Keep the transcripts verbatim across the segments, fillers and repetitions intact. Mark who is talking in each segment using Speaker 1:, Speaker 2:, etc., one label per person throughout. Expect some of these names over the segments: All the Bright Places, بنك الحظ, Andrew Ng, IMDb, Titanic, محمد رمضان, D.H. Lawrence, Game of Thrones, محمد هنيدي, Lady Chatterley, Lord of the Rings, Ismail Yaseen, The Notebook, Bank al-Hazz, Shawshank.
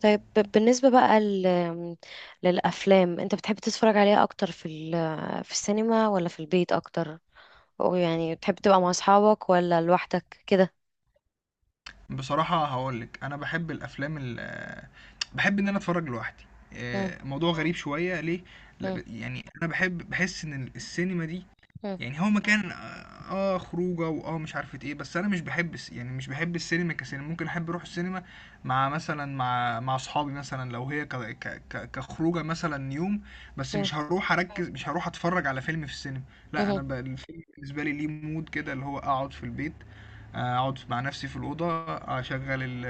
Speaker 1: طيب ب- بالنسبة بقى ل- للأفلام، أنت بتحب تتفرج عليها أكتر في ال- في السينما ولا في البيت أكتر؟ أو يعني بتحب تبقى مع أصحابك ولا لوحدك كده؟
Speaker 2: بصراحة هاقولك أنا باحب الأفلام ال باحب إن أنا أتفرج لوحدي.
Speaker 1: مم.
Speaker 2: آآ، موضوع غريب شوية ليه؟
Speaker 1: مم.
Speaker 2: ل يعني أنا باحب باحس إن السينما دي
Speaker 1: مم.
Speaker 2: يعني هو مكان اه آه خروجه واه مش عارفة ايه، بس انا مش بحب الس- يعني مش بحب السينما كسينما. ممكن احب اروح السينما مع مثلا مع مع اصحابي مثلا لو هي ك ك ك كخروجه مثلا يوم، بس
Speaker 1: مم.
Speaker 2: مش هروح اركز، مش هروح اتفرج على فيلم في السينما. لا
Speaker 1: مم.
Speaker 2: انا ب- الفيلم بالنسبه لي ليه مود كده، اللي هو اقعد في البيت. آه، اقعد مع نفسي في الاوضه، آه، اشغل ال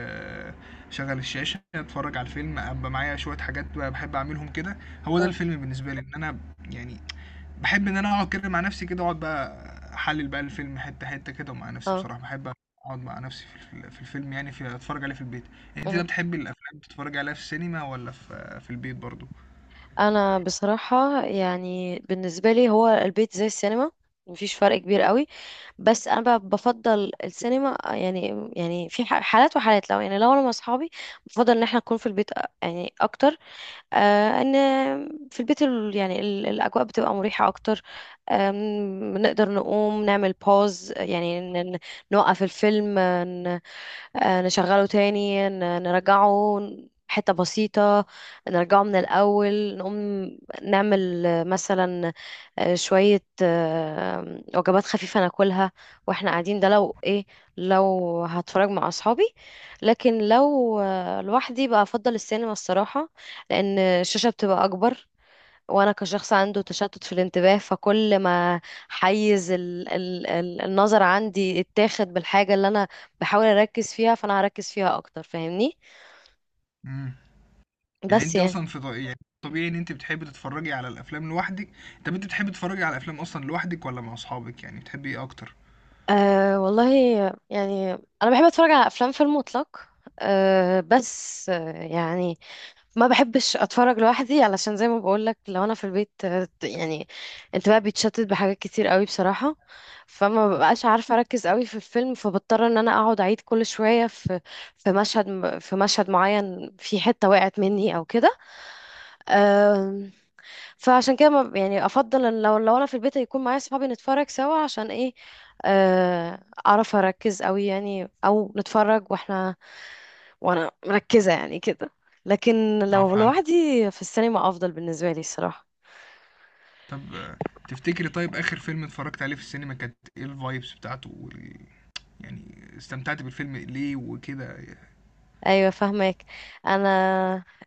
Speaker 2: اشغل الشاشه، اتفرج على الفيلم، ابقى معايا شويه حاجات بقى بحب اعملهم كده. هو ده
Speaker 1: مم.
Speaker 2: الفيلم بالنسبه لي، ان انا يعني باحب إن أنا أقعد كده مع نفسي كده، أقعد بقى أحلِّل بقى الفيلم حتّة، حتّة كده، ومع نفسي
Speaker 1: اه.
Speaker 2: بصراحة، باحب أقعد مع نفسي في ال في الفيلم، يعني ف أتفرّج عليه في البيت. أنتِ بقى
Speaker 1: مم.
Speaker 2: بتحبي الأفلام تتفرّجي عليها في السينما والّا في في البيت برضه؟
Speaker 1: أنا بصراحة يعني بالنسبة لي هو البيت زي السينما، مفيش فرق كبير قوي. بس انا بقى بفضل السينما، يعني يعني في ح- حالات وحالات. لو يعني لو انا مع اصحابي بفضل ان احنا نكون في البيت، أ- يعني اكتر. آه، ان في البيت ال- يعني ال- الاجواء بتبقى مريحه اكتر. آم، نقدر نقوم نعمل باوز، يعني ن- ن- نوقف الفيلم، آه، نشغله تاني، ن- نرجعه حتة بسيطة، نرجعه من الأول. نقوم نعمل آه، مثلا آه، شوية آه، وجبات خفيفة ناكلها واحنا قاعدين. ده لو ايه، لو هتفرج مع أصحابي. لكن لو آه، لوحدي بقى أفضل السينما الصراحة، لأن الشاشة بتبقى أكبر، وانا كشخص عنده تشتت في الانتباه، فكل ما حيز ال ال ال النظر عندي اتاخد بالحاجة اللي انا بحاول اركز فيها، فانا هركز فيها اكتر، فاهمني؟
Speaker 2: إمم. يعني
Speaker 1: بس
Speaker 2: أنتِ
Speaker 1: يعني
Speaker 2: أصلًا في ط يعني طبيعي إن أنتِ بتحبي تتفرّجي على الأفلام لوحدِك. طَب أنتِ بتحبي تتفرّجي على الأفلام أصلًا لوحدِك والّا مع أصحابِك، يعني بتحبي إيه أكتر؟
Speaker 1: أه والله يعني انا بحب اتفرج على افلام في المطلق. أه بس آه، يعني ما بحبش اتفرج لوحدي، علشان زي ما بقول لك لو انا في البيت آه، يعني انتباهي بيتشتت بحاجات كتير قوي بصراحة، فما ببقاش عارفة اركز قوي في الفيلم، فبضطر ان انا اقعد اعيد كل شوية في في مشهد في مشهد معين، في حتة وقعت مني او كده. آم، فعشان كده ما- يعني افضل ان لو لو انا في البيت يكون معايا صحابي نتفرج سوا، عشان ايه، آه، اعرف اركز قوي يعني، او نتفرج واحنا وانا مركزة يعني كده. لكن
Speaker 2: آه
Speaker 1: لو
Speaker 2: فهمت.
Speaker 1: لوحدي، في السينما افضل بالنسبة لي الصراحة.
Speaker 2: طَب آه، تفتكري طيب آخِر فيلم اتفرّجتِ عليه في السينما كانت إيه الvibes بتاعته وال يعني استمتعتِ بالفيلم ليه وكده؟
Speaker 1: ايوه فاهمك. انا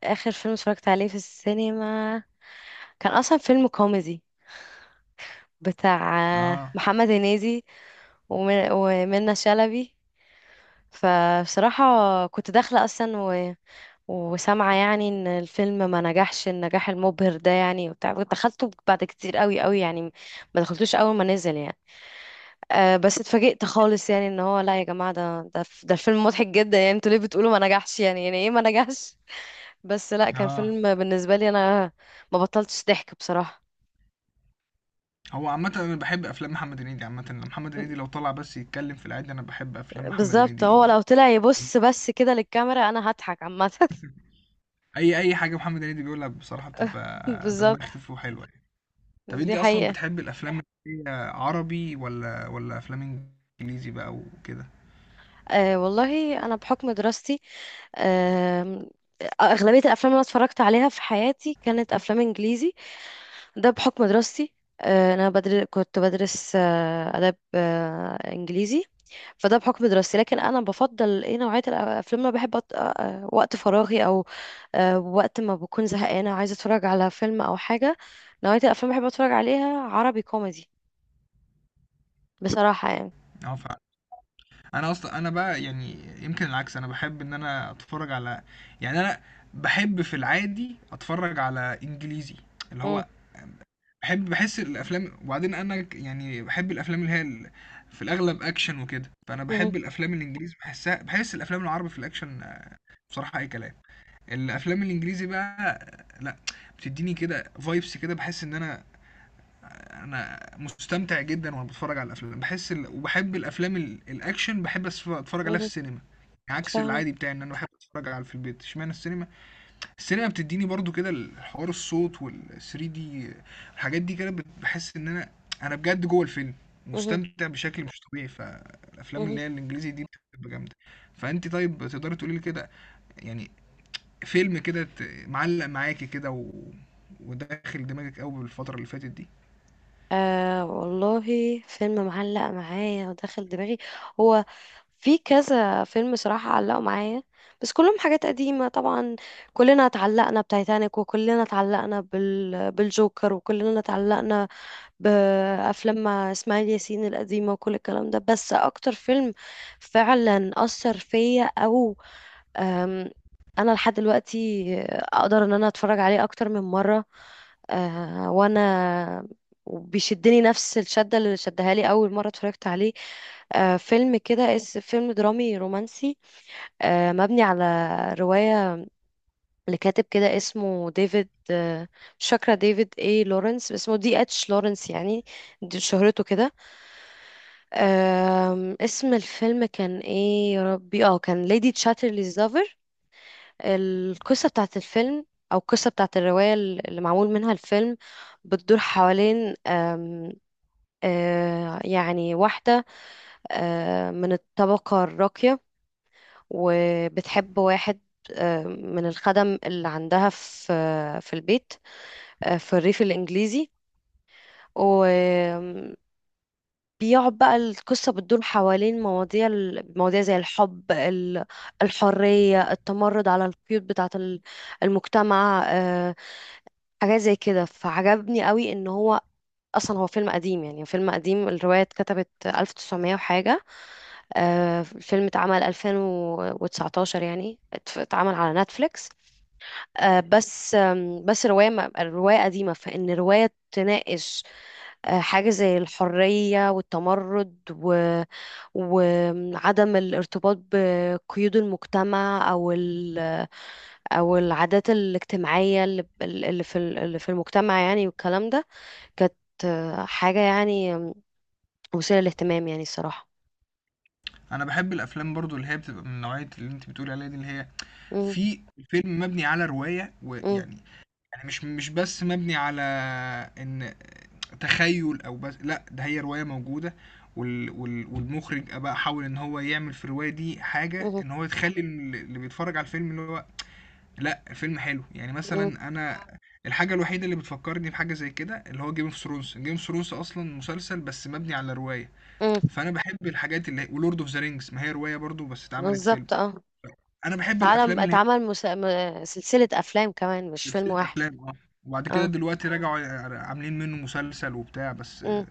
Speaker 1: اخر فيلم اتفرجت عليه في السينما كان اصلا فيلم كوميدي بتاع
Speaker 2: آه.
Speaker 1: محمد هنيدي ومن- ومنى شلبي. فبصراحة كنت داخلة اصلا وسامعة يعني ان الفيلم ما نجحش النجاح المبهر ده يعني، وبتاع دخلته بعد كتير قوي قوي يعني، ما دخلتوش اول ما نزل يعني. أه بس اتفاجئت خالص يعني ان هو لا يا جماعة، ده ده ده الفيلم مضحك جدا يعني، انتوا ليه بتقولوا ما نجحش يعني، يعني ايه ما نجحش؟ بس لا كان
Speaker 2: اه
Speaker 1: فيلم بالنسبة لي انا ما بطلتش ضحك بصراحة.
Speaker 2: هو عامة أنا بحب أفلام محمد هنيدي. عامة لما محمد هنيدي لو طلع بس يتكلم في العادي أنا بحب أفلام محمد
Speaker 1: بالظبط، هو
Speaker 2: هنيدي.
Speaker 1: لو طلع يبص بس كده للكاميرا انا هضحك عامة.
Speaker 2: أي أي حاجة محمد هنيدي بيقولها بصراحة بتبقى دمها
Speaker 1: بالظبط،
Speaker 2: خفيف وحلوة يعني. طب
Speaker 1: دي
Speaker 2: أنت أصلا
Speaker 1: حقيقة.
Speaker 2: بتحب الأفلام اللي هي عربي ولا ولا أفلام إنجليزي بقى وكده؟
Speaker 1: أه والله أنا بحكم دراستي، أم، أغلبية الأفلام اللي أنا اتفرجت عليها في حياتي كانت أفلام إنجليزي. ده بحكم دراستي. أه، أنا بدر... كنت بدرس أه، آداب أه، إنجليزي. فده بحكم دراستي. لكن أنا بفضل إيه، نوعية الأفلام اللي أنا بحب أط... أه، أه، وقت فراغي أو أه، وقت ما بكون زهقانة عايزة أتفرج على فيلم أو حاجة، نوعية الأفلام اللي بحب أتفرج عليها عربي كوميدي، بصراحة يعني.
Speaker 2: اه فعلا. أنا أصلا أنا بقى يعني يمكن العكس، أنا بحب إن أنا أتفرج على، يعني أنا بحب في العادي أتفرج على إنجليزي، اللي
Speaker 1: مم.
Speaker 2: هو باحب باحس الأفلام. وبعدين أنا ك يعني باحب الأفلام اللي هي ال في الأغلب أكشن وكده، فأنا
Speaker 1: مهم.
Speaker 2: باحب الأفلام الإنجليزي، باحسها، باحس الأفلام العربي في الأكشن آه، بصراحة أي كلام. الأفلام الإنجليزي بقى، آه، لأ، بتديني كده vibes كده، باحس إن أنا، أنا مستمتع جدًا وأنا باتفرج على الأفلام، باحس ال وباحب الأفلام ال الأكشن، باحب أس أتفرج عليها في
Speaker 1: مهم.
Speaker 2: السينما، عكس
Speaker 1: فاهمك.
Speaker 2: العادي بتاعي إن أنا باحب أتفرج على في البيت. اشمعنى السينما؟ السينما بتديني برضو كده الحوار الصوت وال 3 دي، الحاجات دي كده بت- بحس ان انا، انا بجد جوه الفيلم،
Speaker 1: مهم.
Speaker 2: مستمتع بشكل مش طبيعي. فالافلام
Speaker 1: مهم.
Speaker 2: اللي هي الانجليزي دي بتبقى جامده. فانت طيب تقدري تقولي لي كده يعني فيلم كده ت- معلق معاكي كده و... وداخل دماغك قوي بالفتره اللي فاتت دي.
Speaker 1: آه والله، فيلم معلق معايا وداخل دماغي، هو في كذا فيلم صراحة علقوا معايا، بس كلهم حاجات قديمة طبعا. كلنا اتعلقنا بتايتانيك، وكلنا اتعلقنا بال... بالجوكر، وكلنا اتعلقنا بأفلام مع إسماعيل ياسين القديمة، وكل الكلام ده. بس أكتر فيلم فعلا أثر فيا، أم، انا لحد دلوقتي اقدر ان انا اتفرج عليه اكتر من مره، أه، وانا بيشدني نفس الشده اللي شدها لي اول مره اتفرجت عليه، أه، فيلم كده اس فيلم درامي رومانسي، أه، مبني على روايه لكاتب كده اسمه ديفيد، أه، مش فاكره ديفيد ايه، لورنس اسمه، دي اتش لورنس يعني، دي شهرته كده. أم، اسم الفيلم كان ايه يا ربي، اه كان ليدي تشاترلي. القصة بتاعت الفيلم، أو القصة بتاعت الرواية اللي معمول منها الفيلم، بتدور حوالين آم، آه، يعني واحدة آه، من الطبقة الراقية وبتحب واحد آه، من الخدم اللي عندها في آه، في البيت، آه، في الريف الإنجليزي. بيقعد بقى القصة بتدور حوالين مواضيع ال- مواضيع زي الحب، ال- الحرية، التمرد على القيود بتاعة ال- المجتمع، آه، حاجات زي كده. فعجبني قوي ان هو اصلا هو فيلم قديم يعني، فيلم قديم، الرواية اتكتبت ألف وتسعمية وحاجة، آه، الفيلم اتعمل ألفين وتسعة عشر يعني ات- اتعمل على نتفليكس، آه، بس آم، بس رواية م- رواية قديمة، فإن رواية تناقش آه، حاجة زي الحرية والتمرد و- وعدم الارتباط بقيود المجتمع أو ال- أو العادات الاجتماعية اللي اللي في ال- اللي في المجتمع يعني والكلام ده، كانت آه، حاجة يعني آم، مثيرة للاهتمام يعني الصراحة.
Speaker 2: انا بحب الافلام برضو اللي هي بتبقى من نوعيه اللي انت بتقولي عليها دي اللي هي
Speaker 1: مم.
Speaker 2: في فيلم مبني على روايه
Speaker 1: مم.
Speaker 2: ويعني، يعني مش مش بس مبني على ان تخيل او بس لا، ده هي رواية موجودة، وال وال والمخرج بقى حاول ان هو يعمل في الرواية دي حاجة،
Speaker 1: مم.
Speaker 2: ان هو يخلي ال- اللي بيتفرج على الفيلم اللي هو لا، الفيلم حلو يعني.
Speaker 1: مم.
Speaker 2: مثلا انا الحاجة الوحيدة اللي بتفكرني بحاجة زي كده اللي هو جيم اوف ثرونز. جيم اوف ثرونز اصلا مسلسل بس مبني على رواية.
Speaker 1: مم.
Speaker 2: فانا بحب الحاجات اللي ولورد اوف ذا رينجز، ما هي رواية برضو بس اتعملت فيلم.
Speaker 1: بالظبط اه،
Speaker 2: انا بحب
Speaker 1: اتعلم
Speaker 2: الافلام اللي هي
Speaker 1: اتعمل مس... م- سلسلة أفلام كمان، مش فيلم
Speaker 2: سلسلة
Speaker 1: واحد.
Speaker 2: أفلام اه وبعد كده
Speaker 1: اه.
Speaker 2: دلوقتي رجعوا عاملين منه مسلسل وبتاع. بس
Speaker 1: امم.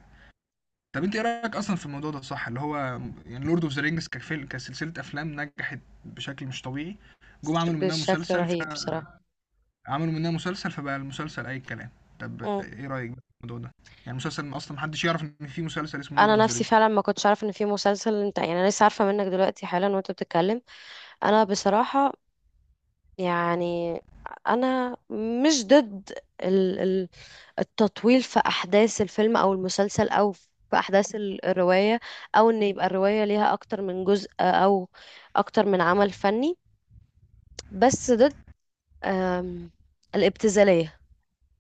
Speaker 2: طب انت ايه رأيك اصلا في الموضوع ده صح؟ اللي هو يعني لورد اوف ذا رينجز كفيلم كسلسلة افلام نجحت بشكل مش طبيعي. جم عملوا منها
Speaker 1: بشكل
Speaker 2: مسلسل
Speaker 1: رهيب بصراحة.
Speaker 2: عملوا منها مسلسل فبقى المسلسل اي كلام. طب
Speaker 1: امم.
Speaker 2: ايه رأيك بقى في الموضوع ده؟ يعني مسلسل اصلا محدش يعرف ان في مسلسل اسمه لورد
Speaker 1: انا
Speaker 2: اوف ذا
Speaker 1: نفسي
Speaker 2: رينجز.
Speaker 1: فعلا ما كنتش عارفه ان في مسلسل، انت يعني انا لسه عارفه منك دلوقتي حالا وانت بتتكلم. انا بصراحه يعني انا مش ضد ال- ال- التطويل في احداث الفيلم او المسلسل او في احداث ال- الروايه، او ان يبقى الروايه ليها اكتر من جزء او اكتر من عمل فني. بس ضد آم، الابتذاليه.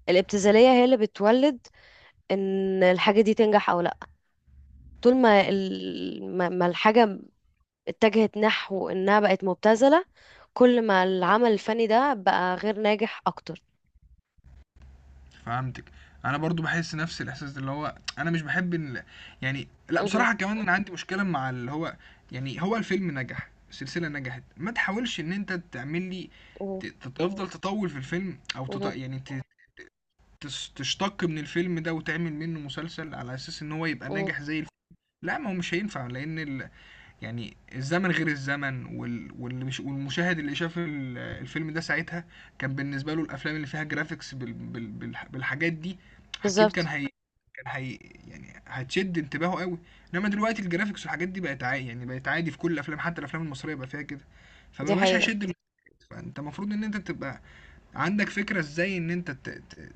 Speaker 1: الابتذاليه هي اللي بتولد ان الحاجه دي تنجح او لا. طول ما ال- ما ما الحاجة اتجهت نحو إنها بقت مبتذلة، كل ما العمل الفني ده بقى غير ناجح أكتر.
Speaker 2: فهمتِك. أنا برضه باحس نفس الإحساس اللي هو أنا مش باحب ال يعني لأ
Speaker 1: مهم.
Speaker 2: بصراحة، كمان أنا عندي مشكلة مع اللي هو يعني هو الفيلم نجح، السلسلة نجحت، ما تحاولش إن أنت تعمل لي
Speaker 1: مهم.
Speaker 2: ت ت تفضل تطوّل في الفيلم أو تط
Speaker 1: مهم.
Speaker 2: يعني ت تس تشتق من الفيلم ده وتعمل منه مسلسل على أساس إن هو يبقى
Speaker 1: مهم.
Speaker 2: ناجح زي الف لأ، ما هو مش هينفع لأن ال يعني الزمن غير الزمن، وال... واللي مش... والمشاهد اللي شاف ال- الفيلم ده ساعتها كان بالنسبة له الأفلام اللي فيها جرافيكس بال... بال... بال... بالحاجات دي أكيد كان
Speaker 1: بالظبط،
Speaker 2: هي كان هي يعني هتشد انتباهه قوي. إنما دلوقتي الجرافيكس والحاجات دي بقت عادي، يعني بقت عادي في كل الأفلام، حتى الأفلام المصرية بقى فيها كده. فما
Speaker 1: دي
Speaker 2: بقاش
Speaker 1: حقيقة.
Speaker 2: هيشد المشاهد. فأنت المفروض إن أنت تبقى عندك فكرة إزاي إن أنت ت... ت...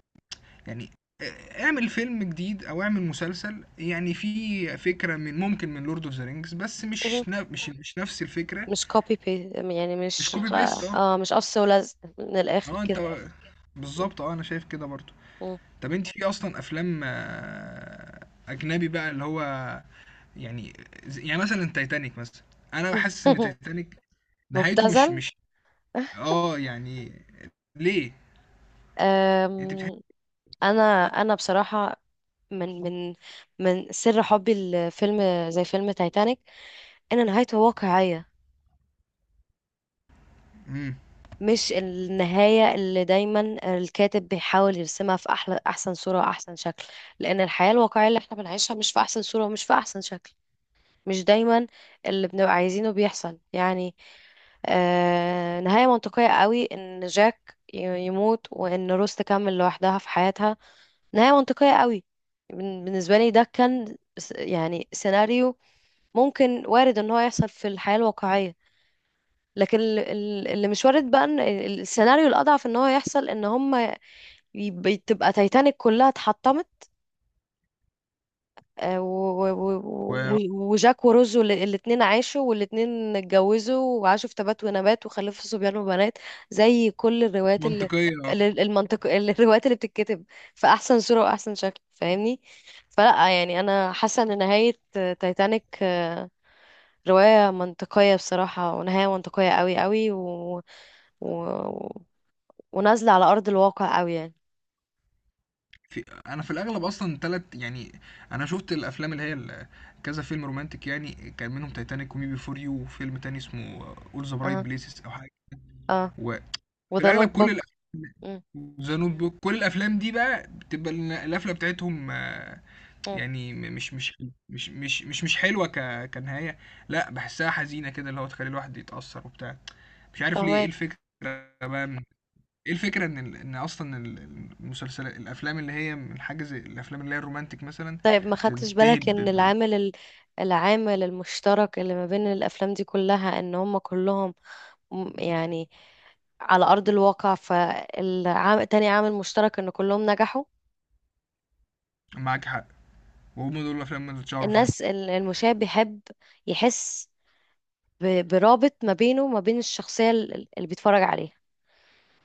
Speaker 2: يعني آه، اعمل فيلم جديد او اعمل مسلسل يعني فيه فكرة، من ممكن من لورد اوف ذا رينجز، بس
Speaker 1: مهم.
Speaker 2: مش نا- مش مش نفس الفكرة.
Speaker 1: مش copy paste يعني،
Speaker 2: مش
Speaker 1: مش
Speaker 2: كوبي
Speaker 1: خ-
Speaker 2: بيست اه
Speaker 1: اه مش قص ولزق من
Speaker 2: مش
Speaker 1: الآخر
Speaker 2: اه انت
Speaker 1: كده.
Speaker 2: بنفس كده.
Speaker 1: مهم.
Speaker 2: بالظبط اه انا شايف كده برضو.
Speaker 1: مهم.
Speaker 2: طب انت في اصلا افلام آه، اجنبي بقى اللي هو يعني زي، يعني مثلا تايتانيك مثلا. انا بحس ان تايتانيك نهايته مش
Speaker 1: مبتذل.
Speaker 2: مش اه يعني ليه انت بتحس؟
Speaker 1: أم، أنا أنا بصراحة من من من سر حبي لفيلم زي فيلم تايتانيك إن نهايته واقعية،
Speaker 2: امم
Speaker 1: مش النهاية اللي دايما الكاتب بيحاول يرسمها في أحلى أحسن صورة وأحسن شكل. لأن الحياة الواقعية اللي احنا بنعيشها مش في أحسن صورة ومش في أحسن شكل، مش دايما اللي بنبقى عايزينه بيحصل يعني. آه، نهاية منطقية قوي إن جاك ي- يموت وإن روز تكمل لوحدها في حياتها، نهاية منطقية قوي. بن- بالنسبة لي ده كان س- يعني سيناريو ممكن وارد إن هو يحصل في الحياة الواقعية. لكن ال- ال- اللي مش وارد بقى ان ال- السيناريو الاضعف ان هو يحصل ان هم يب- تبقى تايتانيك كلها اتحطمت، آه، و- و- و- و- وجاك وروز الاثنين عاشوا والاثنين اتجوزوا وعاشوا في تبات ونبات وخلفوا صبيان وبنات، زي كل الروايات اللي
Speaker 2: ومنطقية.
Speaker 1: ال- المنطق. الروايات اللي بتتكتب في احسن صورة واحسن شكل، فاهمني؟ فلا يعني انا حاسة ان نهاية تايتانيك آه، رواية منطقية بصراحة ونهاية منطقية قوي قوي و... و... ونازلة على أرض الواقع قوي يعني.
Speaker 2: في، انا في الاغلب اصلا تلت يعني، انا شفت الافلام اللي هي ال- كذا فيلم رومانتك يعني، كان منهم تايتانيك ومي بي فور يو وفيلم تاني اسمه اول ذا برايت
Speaker 1: اه.
Speaker 2: بليسز او حاجه.
Speaker 1: اه.
Speaker 2: وفي
Speaker 1: وذا نوت
Speaker 2: الاغلب كل
Speaker 1: بوك.
Speaker 2: الافلام، ذا نوت بوك، كل الافلام دي بقى بتبقى ال- القفله بتاعتهم آه، يعني م- مش مش مش مش مش مش حلوه ك كنهايه. لا بحسها حزينه كده اللي هو تخلي الواحد يتاثر وبتاع. مش عارف ليه ايه
Speaker 1: فاهمك.
Speaker 2: الفكره بقى. ايه الفكرة ان ال- ان اصلا ال- المسلسلات، الافلام اللي هي من حاجة زي الافلام اللي هي الرومانتك مثلا
Speaker 1: طيب ما خدتش
Speaker 2: تنتهي
Speaker 1: بالك
Speaker 2: ب... ب...
Speaker 1: ان
Speaker 2: ب-
Speaker 1: العامل ال- العامل المشترك اللي ما بين الافلام دي كلها ان هم كلهم م- يعني على ارض الواقع. فالعام تاني عامل مشترك ان كلهم نجحوا.
Speaker 2: معاك حق، وهم دول الافلام اللي اتشهروا فعلا.
Speaker 1: الناس ال- المشاهد بيحب يحس ب- برابط ما بينه وما بين الشخصية ال- اللي بيتفرج عليها.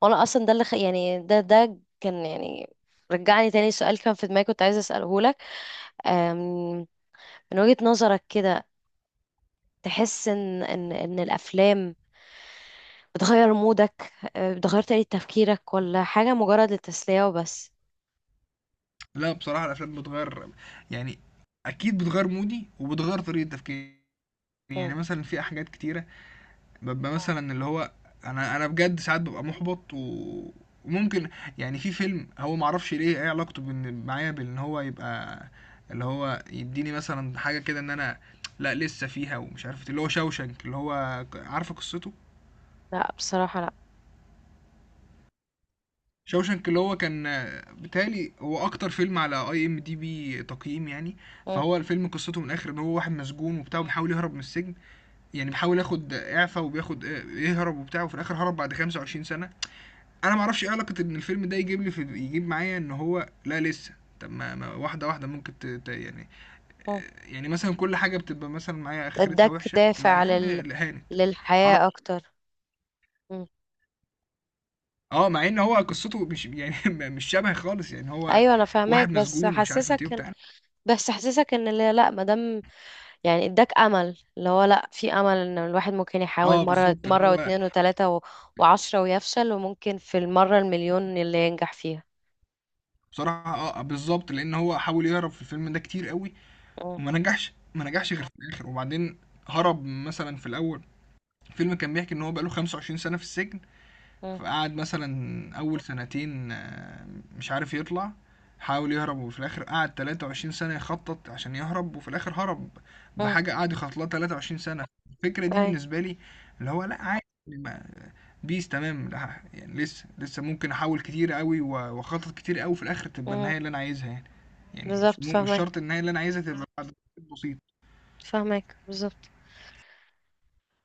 Speaker 1: وانا اصلا ده اللي خ... يعني ده ده كان يعني رجعني تاني سؤال كان في دماغي كنت عايزة اسأله، أم، من وجهة نظرك كده، تحس ان ان ان الافلام بتغير مودك، أه، بتغير طريقة تفكيرك، ولا حاجة مجرد للتسلية وبس؟
Speaker 2: لا بصراحة الافلام بتغير، يعني اكيد بتغير مودي وبتغير طريقة تفكيري. يعني
Speaker 1: مم.
Speaker 2: مثلا في حاجات كتيرة بابقى مثلا اللي هو، أنا أنا بجد ساعات بابقى مُحبَط و وممكن، يعني في فيلم هو ما أعرفش ليه إيه علاقته بإن معايا، بإن هو يبقى اللي هو يدّيني مثلا حاجة كده إن أنا لأ لسه فيها ومش عارف إيه، اللي هو Shawshank، اللي هو ك عارفة قصته؟
Speaker 1: لا بصراحة لا.
Speaker 2: Shawshank اللي هو كان بيتهيأ لي هو أكتر فيلم على IMDb تقييم يعني.
Speaker 1: مم.
Speaker 2: فهو الفيلم قصته من الآخر إن هو واحد مسجون وبتاع وبيحاول يهرب من السجن، يعني بيحاول ياخد إعفا وبياخد آآ يهرب وبتاع، وفي الآخر هرب بعد 25 سنة. انا ما اعرفش ايه علاقه ان الفيلم ده يجيب لي، في يجيب معايا ان هو لا لسه. طب ما, ما واحده واحده ممكن ت... ت... يعني،
Speaker 1: مم.
Speaker 2: يعني مثلا كل حاجه بتبقى مثلا معايا اخرتها
Speaker 1: اداك
Speaker 2: وحشه، لا
Speaker 1: دافع
Speaker 2: يا عم
Speaker 1: لل
Speaker 2: هانت. عرف-
Speaker 1: للحياة اكتر. مم.
Speaker 2: اه مع ان هو قصته مش يعني مش شبه خالص يعني هو
Speaker 1: ايوه انا
Speaker 2: واحد
Speaker 1: فاهماك، بس
Speaker 2: مسجون ومش عارف
Speaker 1: حسسك
Speaker 2: ايه
Speaker 1: ان
Speaker 2: وبتاع.
Speaker 1: بس حسسك ان لا لا، مادام يعني اداك امل اللي هو لا، في امل ان الواحد ممكن
Speaker 2: اه
Speaker 1: يحاول مرة
Speaker 2: بالظبط اللي
Speaker 1: مرة
Speaker 2: هو
Speaker 1: واتنين وتلاتة و... وعشرة ويفشل، وممكن في المرة المليون اللي ينجح فيها.
Speaker 2: بصراحه، اه بالظبط، لان هو حاول يهرب في الفيلم ده كتير قوي،
Speaker 1: مم.
Speaker 2: وما نجحش ما نجحش غير في الاخر، وبعدين هرب مثلا في الاول. الفيلم كان بيحكي ان هو بقاله خمسة وعشرين سنة سنه في السجن.
Speaker 1: مم.
Speaker 2: فقعد مثلا اول سنتين، آه، مش عارف يطلع، حاول يهرب، وفي الاخر قعد 23 سنة يخطط عشان يهرب، وفي الاخر هرب
Speaker 1: امم.
Speaker 2: بحاجة قعد يخطط لها 23 سنة. الفكرة دي
Speaker 1: اي.
Speaker 2: بالنسبة لي اللي هو لا عادي، ما- بيس تمام، لا يعني لسه لسه ممكن احاول كتير قوي و- واخطط كتير قوي، في الاخر تبقى النهاية
Speaker 1: امم.
Speaker 2: اللي انا عايزها يعني. يعني مش
Speaker 1: بالظبط
Speaker 2: مو مش شرط
Speaker 1: فاهمك،
Speaker 2: النهاية اللي انا عايزها تبقى بعد تخطيط بسيط.
Speaker 1: فاهمك بالظبط.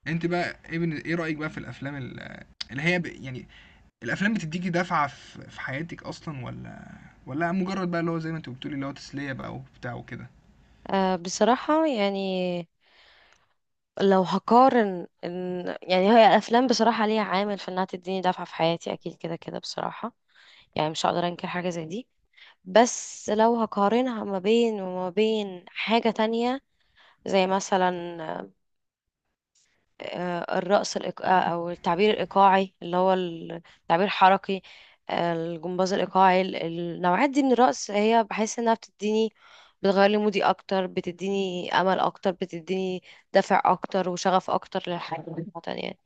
Speaker 2: انت بقى ايه بن- إيه رأيك بقى في الافلام ال- اللي هي ب- يعني الافلام بتديكي دفعة في في حياتك اصلا ولا ولا مجرد بقى اللي هو زي ما انت بتقولي اللي هو تسلية بقى وبتاع وكده؟
Speaker 1: آه بصراحة يعني، لو هقارن إن يعني هي الأفلام بصراحة ليها عامل في إنها تديني دفعة في حياتي، أكيد كده كده بصراحة، يعني مش هقدر أنكر حاجة زي دي. بس لو هقارنها ما بين وما بين حاجة تانية زي مثلا آه، الرقص الإيق... آه، أو التعبير الإيقاعي اللي هو ال- تعبير حركي، آه، الجمباز الإيقاعي، ال- النوعات دي من الرقص، هي بحس إنها بتديني، بتغير لي مودي أكتر، بتديني أمل أكتر، بتديني دافع أكتر وشغف أكتر للحياة عامة يعني.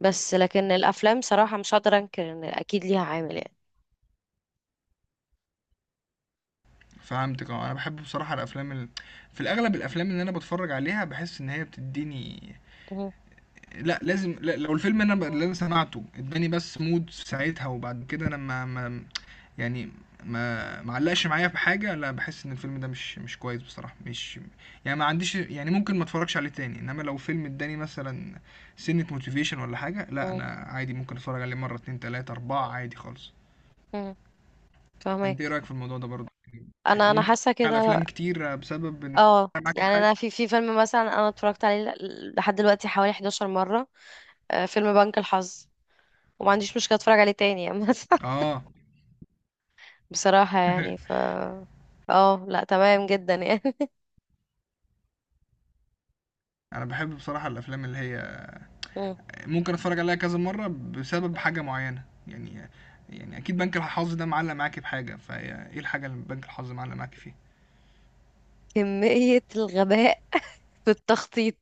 Speaker 1: بس لكن الأفلام صراحة مش هقدر أنكر إن أكيد ليها عامل يعني.
Speaker 2: فهمتك. اه انا بحب بصراحة الافلام ال... في الاغلب الافلام اللي انا بتفرج عليها بحس ان هي بتديني
Speaker 1: مم.
Speaker 2: لا لازم. لا لو الفيلم انا ب... اللي انا سمعته اداني بس مود ساعتها، وبعد كده انا ما, ما يعني ما ما علقش معايا في حاجة، لا بحس ان الفيلم ده مش مش كويس بصراحة، مش يعني ما عنديش، يعني ممكن ما اتفرجش عليه تاني. انما لو فيلم اداني مثلا سنة موتيفيشن ولا حاجة، لا
Speaker 1: مم.
Speaker 2: انا عادي ممكن اتفرج عليه مرة اتنين تلاتة اربعة عادي خالص.
Speaker 1: مم.
Speaker 2: انت ايه
Speaker 1: فاهمك.
Speaker 2: رايك في الموضوع ده برضه؟ ممكن
Speaker 1: أنا أنا
Speaker 2: تتفرج
Speaker 1: حاسة
Speaker 2: على
Speaker 1: كده.
Speaker 2: افلام كتير بسبب ان
Speaker 1: اه
Speaker 2: أنا معاك في
Speaker 1: يعني
Speaker 2: حاجه
Speaker 1: انا في في فيلم مثلا انا اتفرجت عليه ل- لحد دلوقتي حوالي إحداشر مره، آه، فيلم بنك الحظ، وما عنديش مشكلة اتفرج عليه تاني يعني.
Speaker 2: اه
Speaker 1: بصراحة يعني ف اه لا تمام جدا يعني.
Speaker 2: انا بحب بصراحه الافلام اللي هي
Speaker 1: مم.
Speaker 2: ممكن اتفرج عليها كذا مره بسبب حاجه معينه يعني. يعني اكيد بنك الحظ ده معلق معاكي بحاجه، فهي ايه الحاجه اللي بنك الحظ معلق معاكي فيها؟
Speaker 1: كمية الغباء في التخطيط،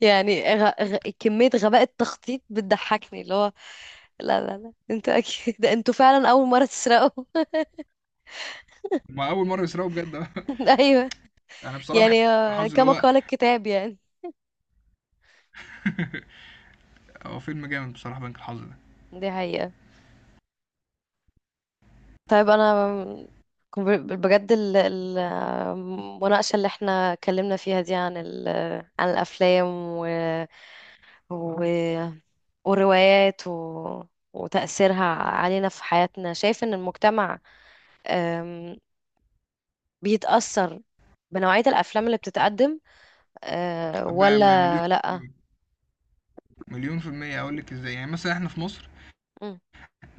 Speaker 1: يعني غ... غ... كمية غباء التخطيط بتضحكني، اللي هو لا لا لا، انتوا اكيد ده انتوا فعلا اول مرة تسرقوا.
Speaker 2: ما اول مره يسرقوا بجد
Speaker 1: ايوه،
Speaker 2: انا بصراحه بحب
Speaker 1: يعني
Speaker 2: بنك
Speaker 1: آه،
Speaker 2: الحظ اللي
Speaker 1: كما
Speaker 2: هو
Speaker 1: قال الكتاب يعني.
Speaker 2: هو فيلم جامد بصراحه بنك الحظ ده.
Speaker 1: دي حقيقة. طيب انا كنت ب- بجد ال- ال- المناقشة اللي احنا اتكلمنا فيها دي عن ال... عن الافلام و... والروايات و... وتأثيرها علينا في حياتنا، شايف إن المجتمع أم، بيتأثر بنوعية الأفلام اللي بتتقدم، أه،
Speaker 2: ب- ب- مليون
Speaker 1: ولا
Speaker 2: في
Speaker 1: لأ؟
Speaker 2: المية. مليون في المية أقول لك إزاي. يعني مثلا إحنا في مصر
Speaker 1: مم.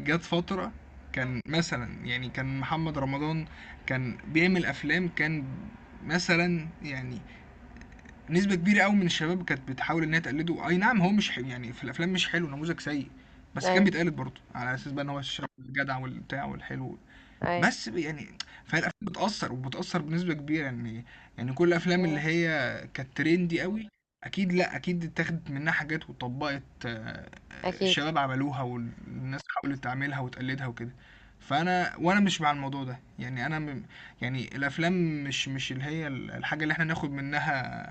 Speaker 2: جات فترة كان مثلا يعني كان محمد رمضان كان بيعمل افلام، كان مثلا يعني نسبة كبيرة قوي من الشباب كانت بتحاول انها تقلده. اي نعم هو مش حلو يعني في الافلام، مش حلو، نموذج سيء، بس كان
Speaker 1: أي.
Speaker 2: بيتقلد برضه على اساس بقى ان هو الشاب الجدع والبتاع والحلو.
Speaker 1: أي.
Speaker 2: بس ب- يعني فهي الافلام بتاثر وبتاثر بنسبه كبيره يعني. يعني كل الافلام اللي
Speaker 1: مم.
Speaker 2: هي كانت ترندي قوي، اكيد، لا اكيد اتاخدت منها حاجات وطبقت، آه، آه،
Speaker 1: أكيد.
Speaker 2: الشباب عملوها والناس حاولت تعملها وتقلدها وكده. فانا وانا مش مع الموضوع ده يعني انا م... يعني الافلام مش مش اللي هي ال- الحاجه اللي احنا ناخد منها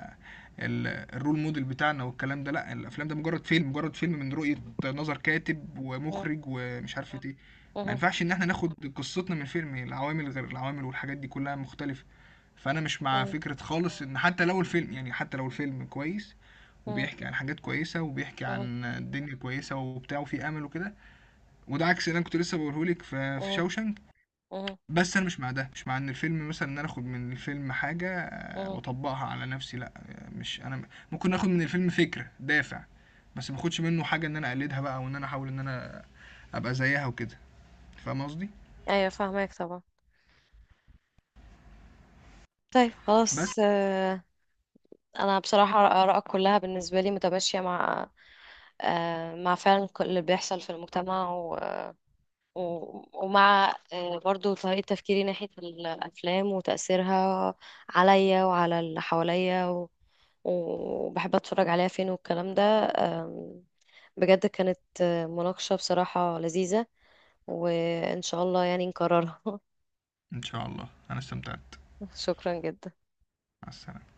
Speaker 2: ال- الرول موديل بتاعنا والكلام ده، لا الافلام ده مجرد فيلم، مجرد فيلم من رؤيه، نظر كاتب
Speaker 1: مم.
Speaker 2: ومخرج ومش عارف ايه. ما
Speaker 1: مم.
Speaker 2: ينفعش ان احنا ناخد قصتنا من فيلم، العوامل غير العوامل والحاجات دي كلها مختلفة. فانا مش مع
Speaker 1: مم.
Speaker 2: فكرة خالص ان حتى لو الفيلم يعني حتى لو الفيلم كويس
Speaker 1: مم.
Speaker 2: وبيحكي عن حاجات كويسة وبيحكي
Speaker 1: مم.
Speaker 2: عن الدنيا كويسة وبتاع وفي امل وكده، وده عكس اللي انا كنت لسه بقولهولك في في
Speaker 1: مم.
Speaker 2: شوشنك.
Speaker 1: مم.
Speaker 2: بس انا مش مع ده، مش مع ان الفيلم مثلا ان انا اخد من الفيلم حاجة
Speaker 1: مم.
Speaker 2: واطبقها على نفسي، لا، مش، انا ممكن اخد من الفيلم فكرة، دافع، بس ما اخدش منه حاجة ان انا اقلدها بقى وان انا احاول ان انا ابقى زيها وكده. فاهم قصدي؟
Speaker 1: أيوة فاهمك طبعا. طيب خلاص
Speaker 2: بس
Speaker 1: أه، أنا بصراحة آرائك كلها بالنسبة لي متماشية مع آه، مع فعلا كل اللي بيحصل في المجتمع، و- ومع آه، برضو طريقة تفكيري ناحية الأفلام وتأثيرها عليا وعلى اللي حواليا و- وبحب أتفرج عليها فين والكلام ده، آم، بجد كانت آه، مناقشة بصراحة لذيذة، وإن شاء الله يعني نكررها.
Speaker 2: إن شاء الله أنا استمتعت.
Speaker 1: شكرا جدا.
Speaker 2: مع السلامة.